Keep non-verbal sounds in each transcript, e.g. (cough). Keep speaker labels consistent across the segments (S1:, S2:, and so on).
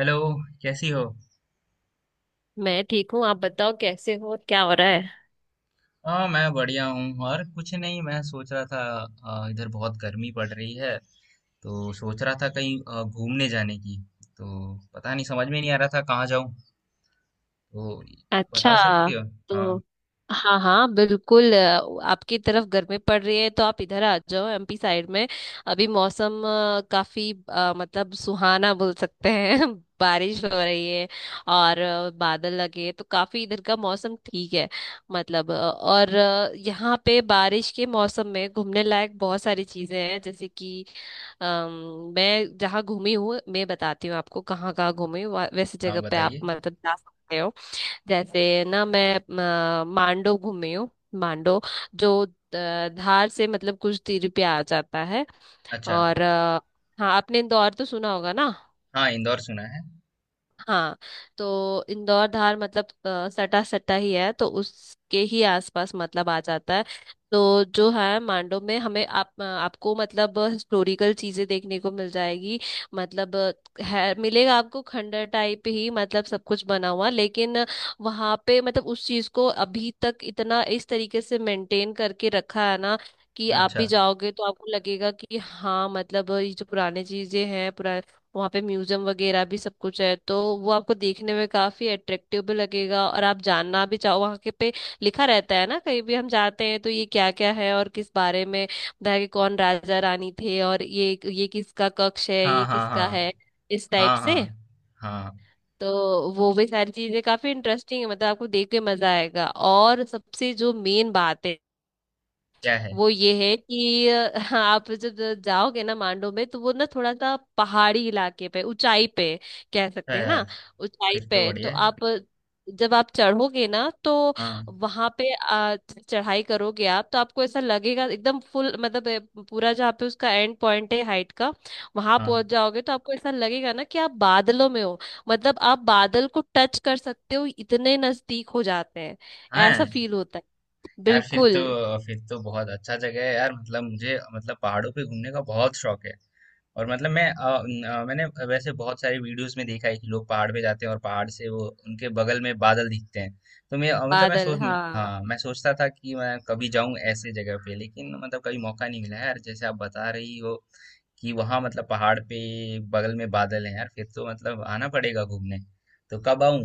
S1: Hello. कैसी हो।
S2: मैं ठीक हूँ। आप बताओ कैसे हो और क्या हो रहा है।
S1: हाँ मैं बढ़िया हूँ और कुछ नहीं, मैं सोच रहा था। इधर बहुत गर्मी पड़ रही है, तो सोच रहा था कहीं घूमने जाने की। तो पता नहीं, समझ में नहीं आ रहा था कहाँ जाऊँ, तो बता
S2: अच्छा,
S1: सकती हो। हाँ।
S2: तो हाँ हाँ बिल्कुल, आपकी तरफ गर्मी पड़ रही है तो आप इधर आ जाओ एमपी साइड में। अभी मौसम काफी मतलब सुहाना बोल सकते हैं (laughs) बारिश हो रही है और बादल लगे हैं, तो काफी इधर का मौसम ठीक है। मतलब और यहाँ पे बारिश के मौसम में घूमने लायक बहुत सारी चीजें हैं, जैसे कि मैं जहाँ घूमी हूँ मैं बताती हूँ आपको कहाँ कहाँ घूमी हूँ। वैसे
S1: हाँ
S2: जगह पे आप
S1: बताइए।
S2: मतलब जा सकते हो। जैसे ना मैं मांडो घूमी हूँ। मांडो जो धार से मतलब कुछ दूरी पे आ जाता है।
S1: अच्छा।
S2: और हाँ, आपने इंदौर तो सुना होगा ना।
S1: हाँ, इंदौर सुना है।
S2: हाँ, तो इंदौर धार मतलब सटा सटा ही है तो उसके ही आसपास मतलब आ जाता है। तो जो है मांडव में हमें आप आपको मतलब हिस्टोरिकल चीजें देखने को मिल जाएगी। मतलब है, मिलेगा आपको खंडर टाइप ही, मतलब सब कुछ बना हुआ, लेकिन वहां पे मतलब उस चीज को अभी तक इतना इस तरीके से मेंटेन करके रखा है ना कि आप
S1: अच्छा।
S2: भी जाओगे तो आपको लगेगा कि हाँ मतलब ये जो पुराने चीजें हैं। वहाँ पे म्यूजियम वगैरह भी सब कुछ है, तो वो आपको देखने में काफी अट्रैक्टिव भी लगेगा और आप जानना भी चाहो वहाँ के पे लिखा रहता है ना। कहीं भी हम जाते हैं तो ये क्या क्या है और किस बारे में बताया कि कौन राजा रानी थे और ये किसका कक्ष है,
S1: हाँ
S2: ये
S1: हाँ हाँ।
S2: किसका है, इस टाइप
S1: हाँ
S2: से।
S1: हाँ हाँ।
S2: तो वो भी सारी चीजें काफी इंटरेस्टिंग है, मतलब आपको देख के मजा आएगा। और सबसे जो मेन बात है
S1: क्या है।
S2: वो ये है कि (laughs) हाँ, आप जब जाओगे ना मांडो में, तो वो ना थोड़ा सा पहाड़ी इलाके पे ऊंचाई पे कह
S1: अच्छा
S2: सकते हैं ना।
S1: यार,
S2: ऊंचाई
S1: फिर तो
S2: पे, तो
S1: बढ़िया है।
S2: आप जब आप चढ़ोगे ना तो
S1: हाँ
S2: वहां पे चढ़ाई करोगे आप, तो आपको ऐसा लगेगा एकदम फुल, मतलब पूरा जहाँ पे उसका एंड पॉइंट है हाइट का, वहां
S1: हाँ
S2: पहुंच जाओगे तो आपको ऐसा लगेगा ना कि आप बादलों में हो। मतलब आप बादल को टच कर सकते हो, इतने नजदीक हो जाते हैं, ऐसा
S1: हाँ।
S2: फील होता है।
S1: यार फिर तो,
S2: बिल्कुल
S1: फिर तो बहुत अच्छा जगह है यार। मतलब मुझे, मतलब पहाड़ों पे घूमने का बहुत शौक है। और मतलब मैं मैंने वैसे बहुत सारी वीडियोस में देखा है कि लोग पहाड़ पे जाते हैं और पहाड़ से वो उनके बगल में बादल दिखते हैं। तो मैं मतलब मैं
S2: बादल,
S1: सोच,
S2: हाँ।
S1: हाँ मैं सोचता था कि मैं कभी जाऊं ऐसे जगह पे, लेकिन मतलब कभी मौका नहीं मिला है यार। जैसे आप बता रही हो कि वहां मतलब पहाड़ पे बगल में बादल है यार, फिर तो मतलब आना पड़ेगा घूमने। तो कब आऊं।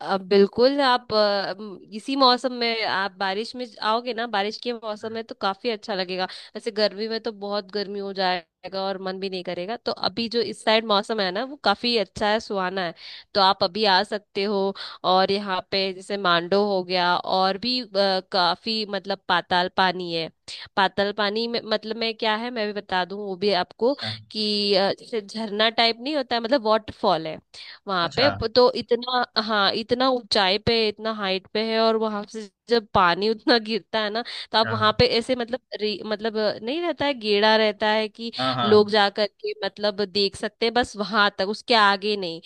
S2: अब बिल्कुल आप इसी मौसम में आप बारिश में आओगे ना बारिश के मौसम में तो काफी अच्छा लगेगा। वैसे गर्मी में तो बहुत गर्मी हो जाएगा और मन भी नहीं करेगा, तो अभी जो इस साइड मौसम है ना वो काफी अच्छा है, सुहाना है। तो आप अभी आ सकते हो। और यहाँ पे जैसे मांडो हो गया, और भी काफी मतलब पाताल पानी है। पाताल पानी में मतलब में क्या है मैं भी बता दूं वो भी आपको
S1: अच्छा।
S2: कि जैसे झरना टाइप नहीं होता है, मतलब वाटरफॉल है। वहां
S1: अच्छा।
S2: पे तो इतना, हाँ इतना ऊंचाई पे, इतना हाइट पे है और वहां से जब पानी उतना गिरता है ना, तो आप
S1: हाँ
S2: वहां पे ऐसे मतलब मतलब नहीं रहता है, गेड़ा रहता है कि
S1: हाँ हाँ।
S2: लोग जा करके मतलब देख सकते हैं, बस वहां तक, उसके आगे नहीं,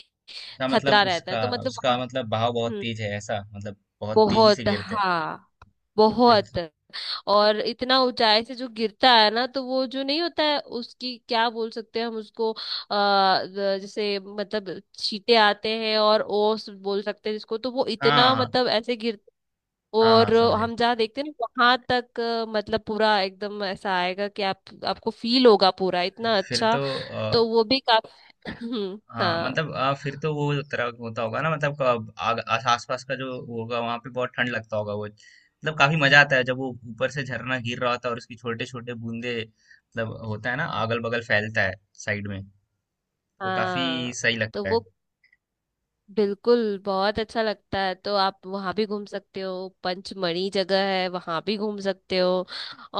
S1: अच्छा
S2: खतरा
S1: मतलब
S2: रहता है,
S1: उसका
S2: तो मतलब वहां
S1: उसका मतलब बहाव बहुत तेज है ऐसा, मतलब बहुत तेजी
S2: बहुत,
S1: से गिरते हैं।
S2: हाँ
S1: फिर तो,
S2: बहुत। और इतना ऊंचाई से जो गिरता है ना तो वो जो नहीं होता है उसकी क्या बोल सकते हैं हम उसको, जैसे मतलब छींटे आते हैं और ओस बोल सकते हैं जिसको, तो वो
S1: हाँ
S2: इतना
S1: हाँ।
S2: मतलब ऐसे गिर
S1: हाँ हाँ
S2: और
S1: समझे।
S2: हम जहाँ देखते हैं ना वहां तक मतलब पूरा एकदम ऐसा आएगा कि आप आपको फील होगा, पूरा इतना
S1: फिर
S2: अच्छा।
S1: तो
S2: तो वो भी काफी (clears throat) (laughs)
S1: हाँ
S2: हाँ।
S1: मतलब फिर तो वो तरह होता होगा ना, मतलब आस आसपास का जो होगा वहां पे बहुत ठंड लगता होगा वो। मतलब काफी मजा आता है जब वो ऊपर से झरना गिर रहा होता है और उसकी छोटे छोटे बूंदे, मतलब होता है ना अगल बगल फैलता है साइड में। वो काफी
S2: हाँ
S1: सही
S2: तो
S1: लगता है।
S2: वो बिल्कुल बहुत अच्छा लगता है, तो आप वहाँ भी घूम सकते हो। पंचमढ़ी जगह है, वहाँ भी घूम सकते हो।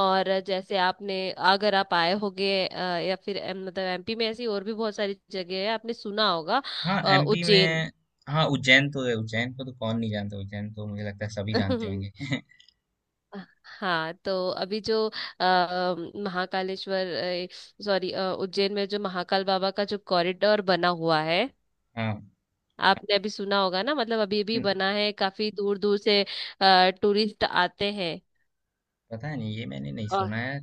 S2: और जैसे आपने अगर आप आए होगे या फिर मतलब एमपी में ऐसी और भी बहुत सारी जगह है आपने सुना होगा।
S1: हाँ एमपी
S2: उज्जैन।
S1: में। हाँ उज्जैन तो है, उज्जैन को तो कौन नहीं जानता, उज्जैन तो मुझे लगता है सभी जानते
S2: (laughs)
S1: होंगे (laughs)
S2: हाँ, तो अभी जो अ, महाकालेश्वर, सॉरी, उज्जैन में जो महाकाल बाबा का जो कॉरिडोर बना हुआ है
S1: हाँ।
S2: आपने अभी सुना होगा ना, मतलब अभी भी
S1: हम्म।
S2: बना है, काफी दूर दूर से टूरिस्ट आते हैं।
S1: पता नहीं, ये मैंने नहीं
S2: और
S1: सुना है।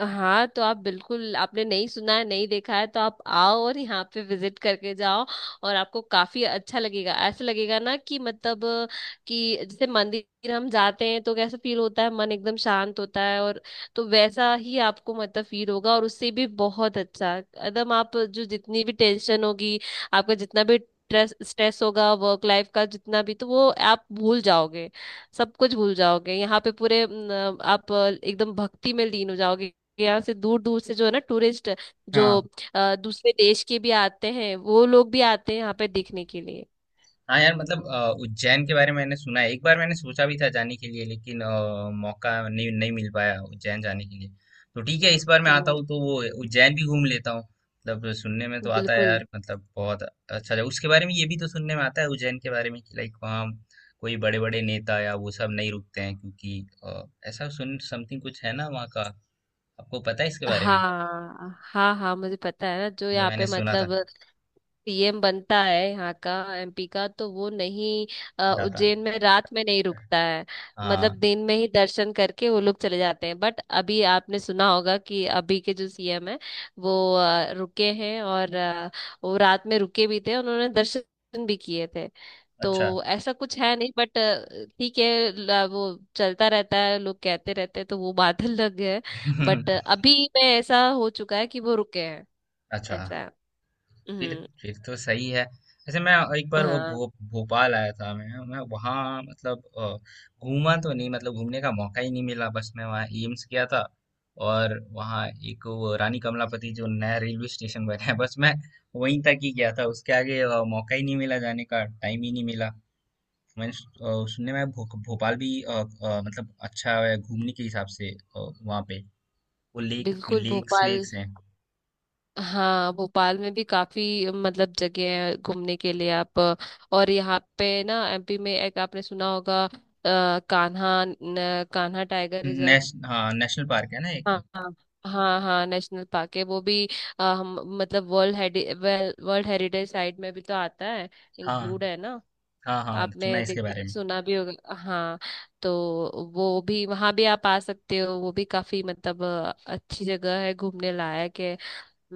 S2: हाँ, तो आप बिल्कुल आपने नहीं सुना है नहीं देखा है तो आप आओ और यहाँ पे विजिट करके जाओ। और आपको काफी अच्छा लगेगा, ऐसा लगेगा ना कि मतलब कि जैसे मंदिर हम जाते हैं तो कैसा फील होता है, मन एकदम शांत होता है, और तो वैसा ही आपको मतलब फील होगा और उससे भी बहुत अच्छा एकदम। आप जो जितनी भी टेंशन होगी, आपका जितना भी स्ट्रेस स्ट्रेस होगा वर्क लाइफ का जितना भी, तो वो आप भूल जाओगे, सब कुछ भूल जाओगे, यहाँ पे पूरे न, आप एकदम भक्ति में लीन हो जाओगे। यहाँ से दूर दूर से जो है ना टूरिस्ट
S1: हाँ।
S2: जो दूसरे देश के भी आते हैं, वो लोग भी आते हैं यहाँ पे देखने के लिए।
S1: हाँ यार, मतलब उज्जैन के बारे में मैंने सुना है, एक बार मैंने सोचा भी था जाने के लिए, लेकिन मौका नहीं नहीं मिल पाया उज्जैन जाने के लिए। तो ठीक है, इस बार मैं आता
S2: हम्म,
S1: हूँ तो वो उज्जैन भी घूम लेता हूँ। मतलब सुनने में तो आता है
S2: बिल्कुल।
S1: यार, मतलब बहुत अच्छा जगह उसके बारे में। ये भी तो सुनने में आता है उज्जैन के बारे में कि लाइक वहाँ कोई बड़े बड़े नेता या वो सब नहीं रुकते हैं, क्योंकि ऐसा सुन समथिंग कुछ है ना वहाँ का। आपको पता है इसके बारे में।
S2: हाँ हाँ हाँ मुझे पता है ना। जो
S1: ये
S2: यहाँ
S1: मैंने
S2: पे
S1: सुना
S2: मतलब
S1: था।
S2: पीएम बनता है यहाँ का एमपी का, तो वो नहीं
S1: जाता।
S2: उज्जैन में रात में नहीं रुकता है। मतलब
S1: हाँ।
S2: दिन में ही दर्शन करके वो लोग चले जाते हैं। बट अभी आपने सुना होगा कि अभी के जो सीएम है, वो रुके हैं और वो रात में रुके भी थे, उन्होंने दर्शन भी किए थे।
S1: अच्छा।
S2: तो ऐसा कुछ है नहीं, बट ठीक है, वो चलता रहता है, लोग कहते रहते हैं, तो वो बात (laughs) अलग है। बट
S1: (laughs)
S2: अभी में ऐसा हो चुका है कि वो रुके हैं,
S1: अच्छा।
S2: ऐसा है।
S1: फिर
S2: हम्म।
S1: फिर तो सही है। वैसे मैं एक बार वो
S2: हाँ,
S1: भोपाल आया था। मैं वहाँ मतलब घूमा तो नहीं, मतलब घूमने का मौका ही नहीं मिला, बस मैं वहाँ एम्स गया था और वहाँ एक वो रानी कमलापति जो नया रेलवे स्टेशन बना है, बस मैं वहीं तक ही गया था। उसके आगे मौका ही नहीं मिला जाने का, टाइम ही नहीं मिला। सुनने में भोपाल भी मतलब अच्छा है घूमने के हिसाब से। वहाँ पे वो लेक,
S2: बिल्कुल
S1: लेक्स
S2: भोपाल।
S1: वेक्स हैं।
S2: हाँ भोपाल में भी काफी मतलब जगह है घूमने के लिए आप। और यहाँ पे ना एमपी में एक आपने सुना होगा कान्हा कान्हा टाइगर रिजर्व।
S1: हाँ नेशनल पार्क है ना एक।
S2: हाँ हाँ हाँ हाँ, नेशनल पार्क है वो भी। अ, हम मतलब वर्ल्ड, वर्ल्ड हेरिटेज साइट में भी तो आता है,
S1: हाँ।
S2: इंक्लूड है ना।
S1: हाँ, हाँ, सुना
S2: आपने
S1: है इसके
S2: देखा
S1: बारे में।
S2: सुना भी होगा, हाँ। तो वो भी वहाँ भी आप आ सकते हो, वो भी काफी मतलब अच्छी जगह है, घूमने लायक है।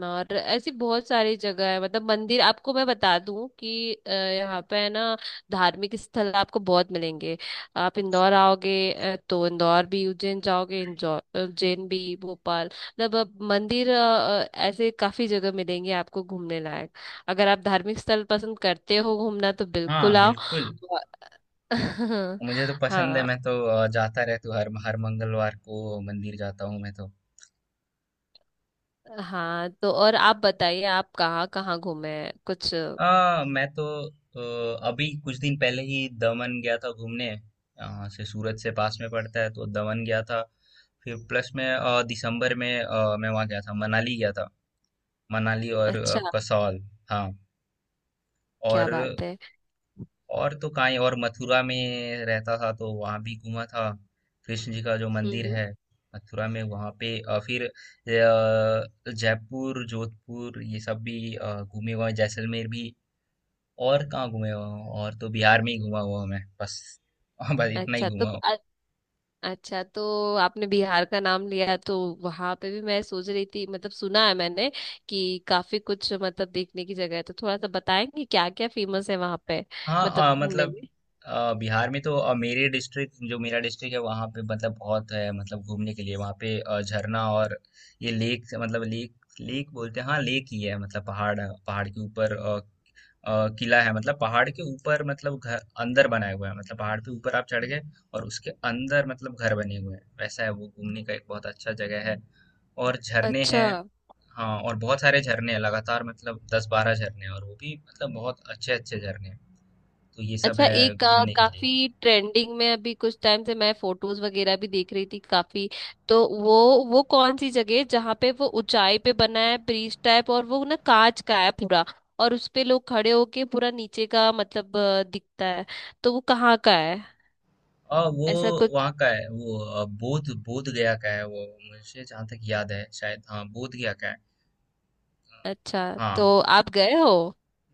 S2: और ऐसी बहुत सारी जगह है मतलब मंदिर आपको मैं बता दूं कि यहाँ पे है ना धार्मिक स्थल आपको बहुत मिलेंगे। आप इंदौर आओगे तो इंदौर भी, उज्जैन जाओगे, इंदौर उज्जैन भी भोपाल, मतलब अब मंदिर ऐसे काफी जगह मिलेंगे आपको घूमने लायक। अगर आप धार्मिक स्थल पसंद करते हो घूमना तो बिल्कुल
S1: हाँ,
S2: आओ।
S1: बिल्कुल,
S2: (laughs) और-
S1: मुझे तो पसंद है,
S2: हाँ
S1: मैं तो जाता रहता हूँ, हर हर मंगलवार को मंदिर जाता हूँ मैं तो।
S2: हाँ, तो और आप बताइए आप कहाँ कहाँ घूमे हैं? कुछ
S1: मैं तो अभी कुछ दिन पहले ही दमन गया था घूमने, यहाँ से सूरत से पास में पड़ता है, तो दमन गया था। फिर प्लस में दिसंबर में मैं वहाँ गया था। मनाली और
S2: अच्छा
S1: कसौल, हाँ।
S2: क्या
S1: और
S2: बात है।
S1: और तो कांई, और मथुरा में रहता था तो वहाँ भी घूमा था, कृष्ण जी का जो
S2: हम्म,
S1: मंदिर
S2: हम्म।
S1: है मथुरा में वहाँ पे। फिर जयपुर जोधपुर ये सब भी घूमे हुआ हूं, जैसलमेर भी। और कहाँ घूमे हुआ हूँ, और तो बिहार में ही घूमा हुआ हूँ मैं बस (laughs) बस इतना ही
S2: अच्छा तो
S1: घूमा हूँ।
S2: अच्छा, तो आपने बिहार का नाम लिया तो वहां पे भी मैं सोच रही थी, मतलब सुना है मैंने कि काफी कुछ मतलब देखने की जगह है। तो थोड़ा सा बताएंगे क्या क्या फेमस है वहां पे, मतलब
S1: हाँ
S2: घूमने
S1: मतलब
S2: में।
S1: बिहार में तो मेरे डिस्ट्रिक्ट, जो मेरा डिस्ट्रिक्ट है वहाँ पे मतलब बहुत है, मतलब घूमने के लिए। वहाँ पे झरना और ये लेक, मतलब लेक लेक बोलते हैं, हाँ लेक ही है। मतलब पहाड़ है, पहाड़ के ऊपर किला है। मतलब पहाड़ के ऊपर, मतलब घर अंदर बनाया हुआ है, मतलब पहाड़ पे ऊपर आप चढ़ गए और उसके अंदर मतलब घर बने हुए हैं, वैसा है। वो घूमने का एक बहुत अच्छा जगह है, और झरने
S2: अच्छा,
S1: हैं। हाँ और बहुत सारे झरने हैं लगातार, मतलब 10-12 झरने हैं और वो भी मतलब बहुत अच्छे अच्छे झरने हैं, तो ये सब
S2: अच्छा
S1: है
S2: एक
S1: घूमने के लिए।
S2: काफी ट्रेंडिंग में अभी कुछ टाइम से मैं फोटोज वगैरह भी देख रही थी काफी। तो वो कौन सी जगह है जहाँ पे वो ऊंचाई पे बना है ब्रिज टाइप, और वो ना कांच का है पूरा, और उस पे लोग खड़े होके पूरा नीचे का मतलब दिखता है, तो वो कहाँ का है,
S1: और वो
S2: ऐसा कुछ।
S1: वहाँ का है वो, अ, बोध बोध गया का है वो। मुझे जहाँ तक याद है, शायद हाँ, बोध गया का है।
S2: अच्छा,
S1: हाँ।
S2: तो आप गए हो।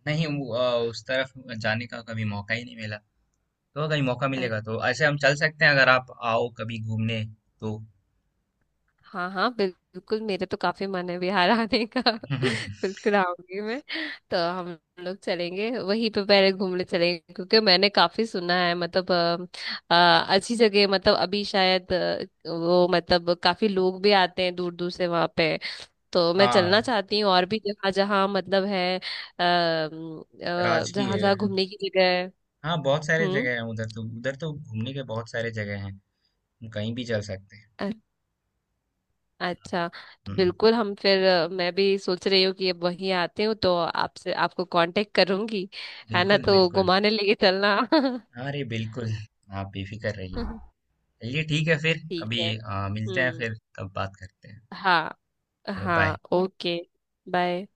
S1: नहीं वो, उस तरफ जाने का कभी मौका ही नहीं मिला। तो कभी मौका
S2: अ-
S1: मिलेगा तो ऐसे हम चल सकते हैं, अगर आप आओ कभी घूमने तो
S2: हाँ हाँ बिल्कुल, मेरे तो काफी मन है बिहार आने का।
S1: (laughs)
S2: बिल्कुल आऊंगी मैं। तो हम लोग चलेंगे वहीं पे पहले घूमने चलेंगे, क्योंकि मैंने काफी सुना है, मतलब अच्छी जगह, मतलब अभी शायद वो मतलब काफी लोग भी आते हैं दूर दूर से वहां पे। तो मैं
S1: हाँ
S2: चलना चाहती हूँ, और भी जहाँ जहाँ मतलब है जहाँ
S1: राजकीय,
S2: जहाँ घूमने की जगह है।
S1: हाँ बहुत सारे
S2: हम्म।
S1: जगह हैं उधर। तो उधर तो घूमने के बहुत सारे जगह हैं, हम कहीं भी चल सकते हैं।
S2: अ- अच्छा, तो
S1: हम्म।
S2: बिल्कुल हम फिर मैं भी सोच रही हूँ कि अब वहीं आते हूँ तो आपसे आपको कांटेक्ट करूंगी, है ना,
S1: बिल्कुल
S2: तो
S1: बिल्कुल।
S2: घुमाने लेके चलना।
S1: अरे बिल्कुल, आप बेफिक्र रहिए।
S2: (laughs)
S1: चलिए ठीक है, फिर
S2: ठीक
S1: कभी
S2: है,
S1: मिलते हैं,
S2: हम्म,
S1: फिर तब बात करते हैं।
S2: हाँ
S1: हेलो बाय।
S2: हाँ, ओके, बाय।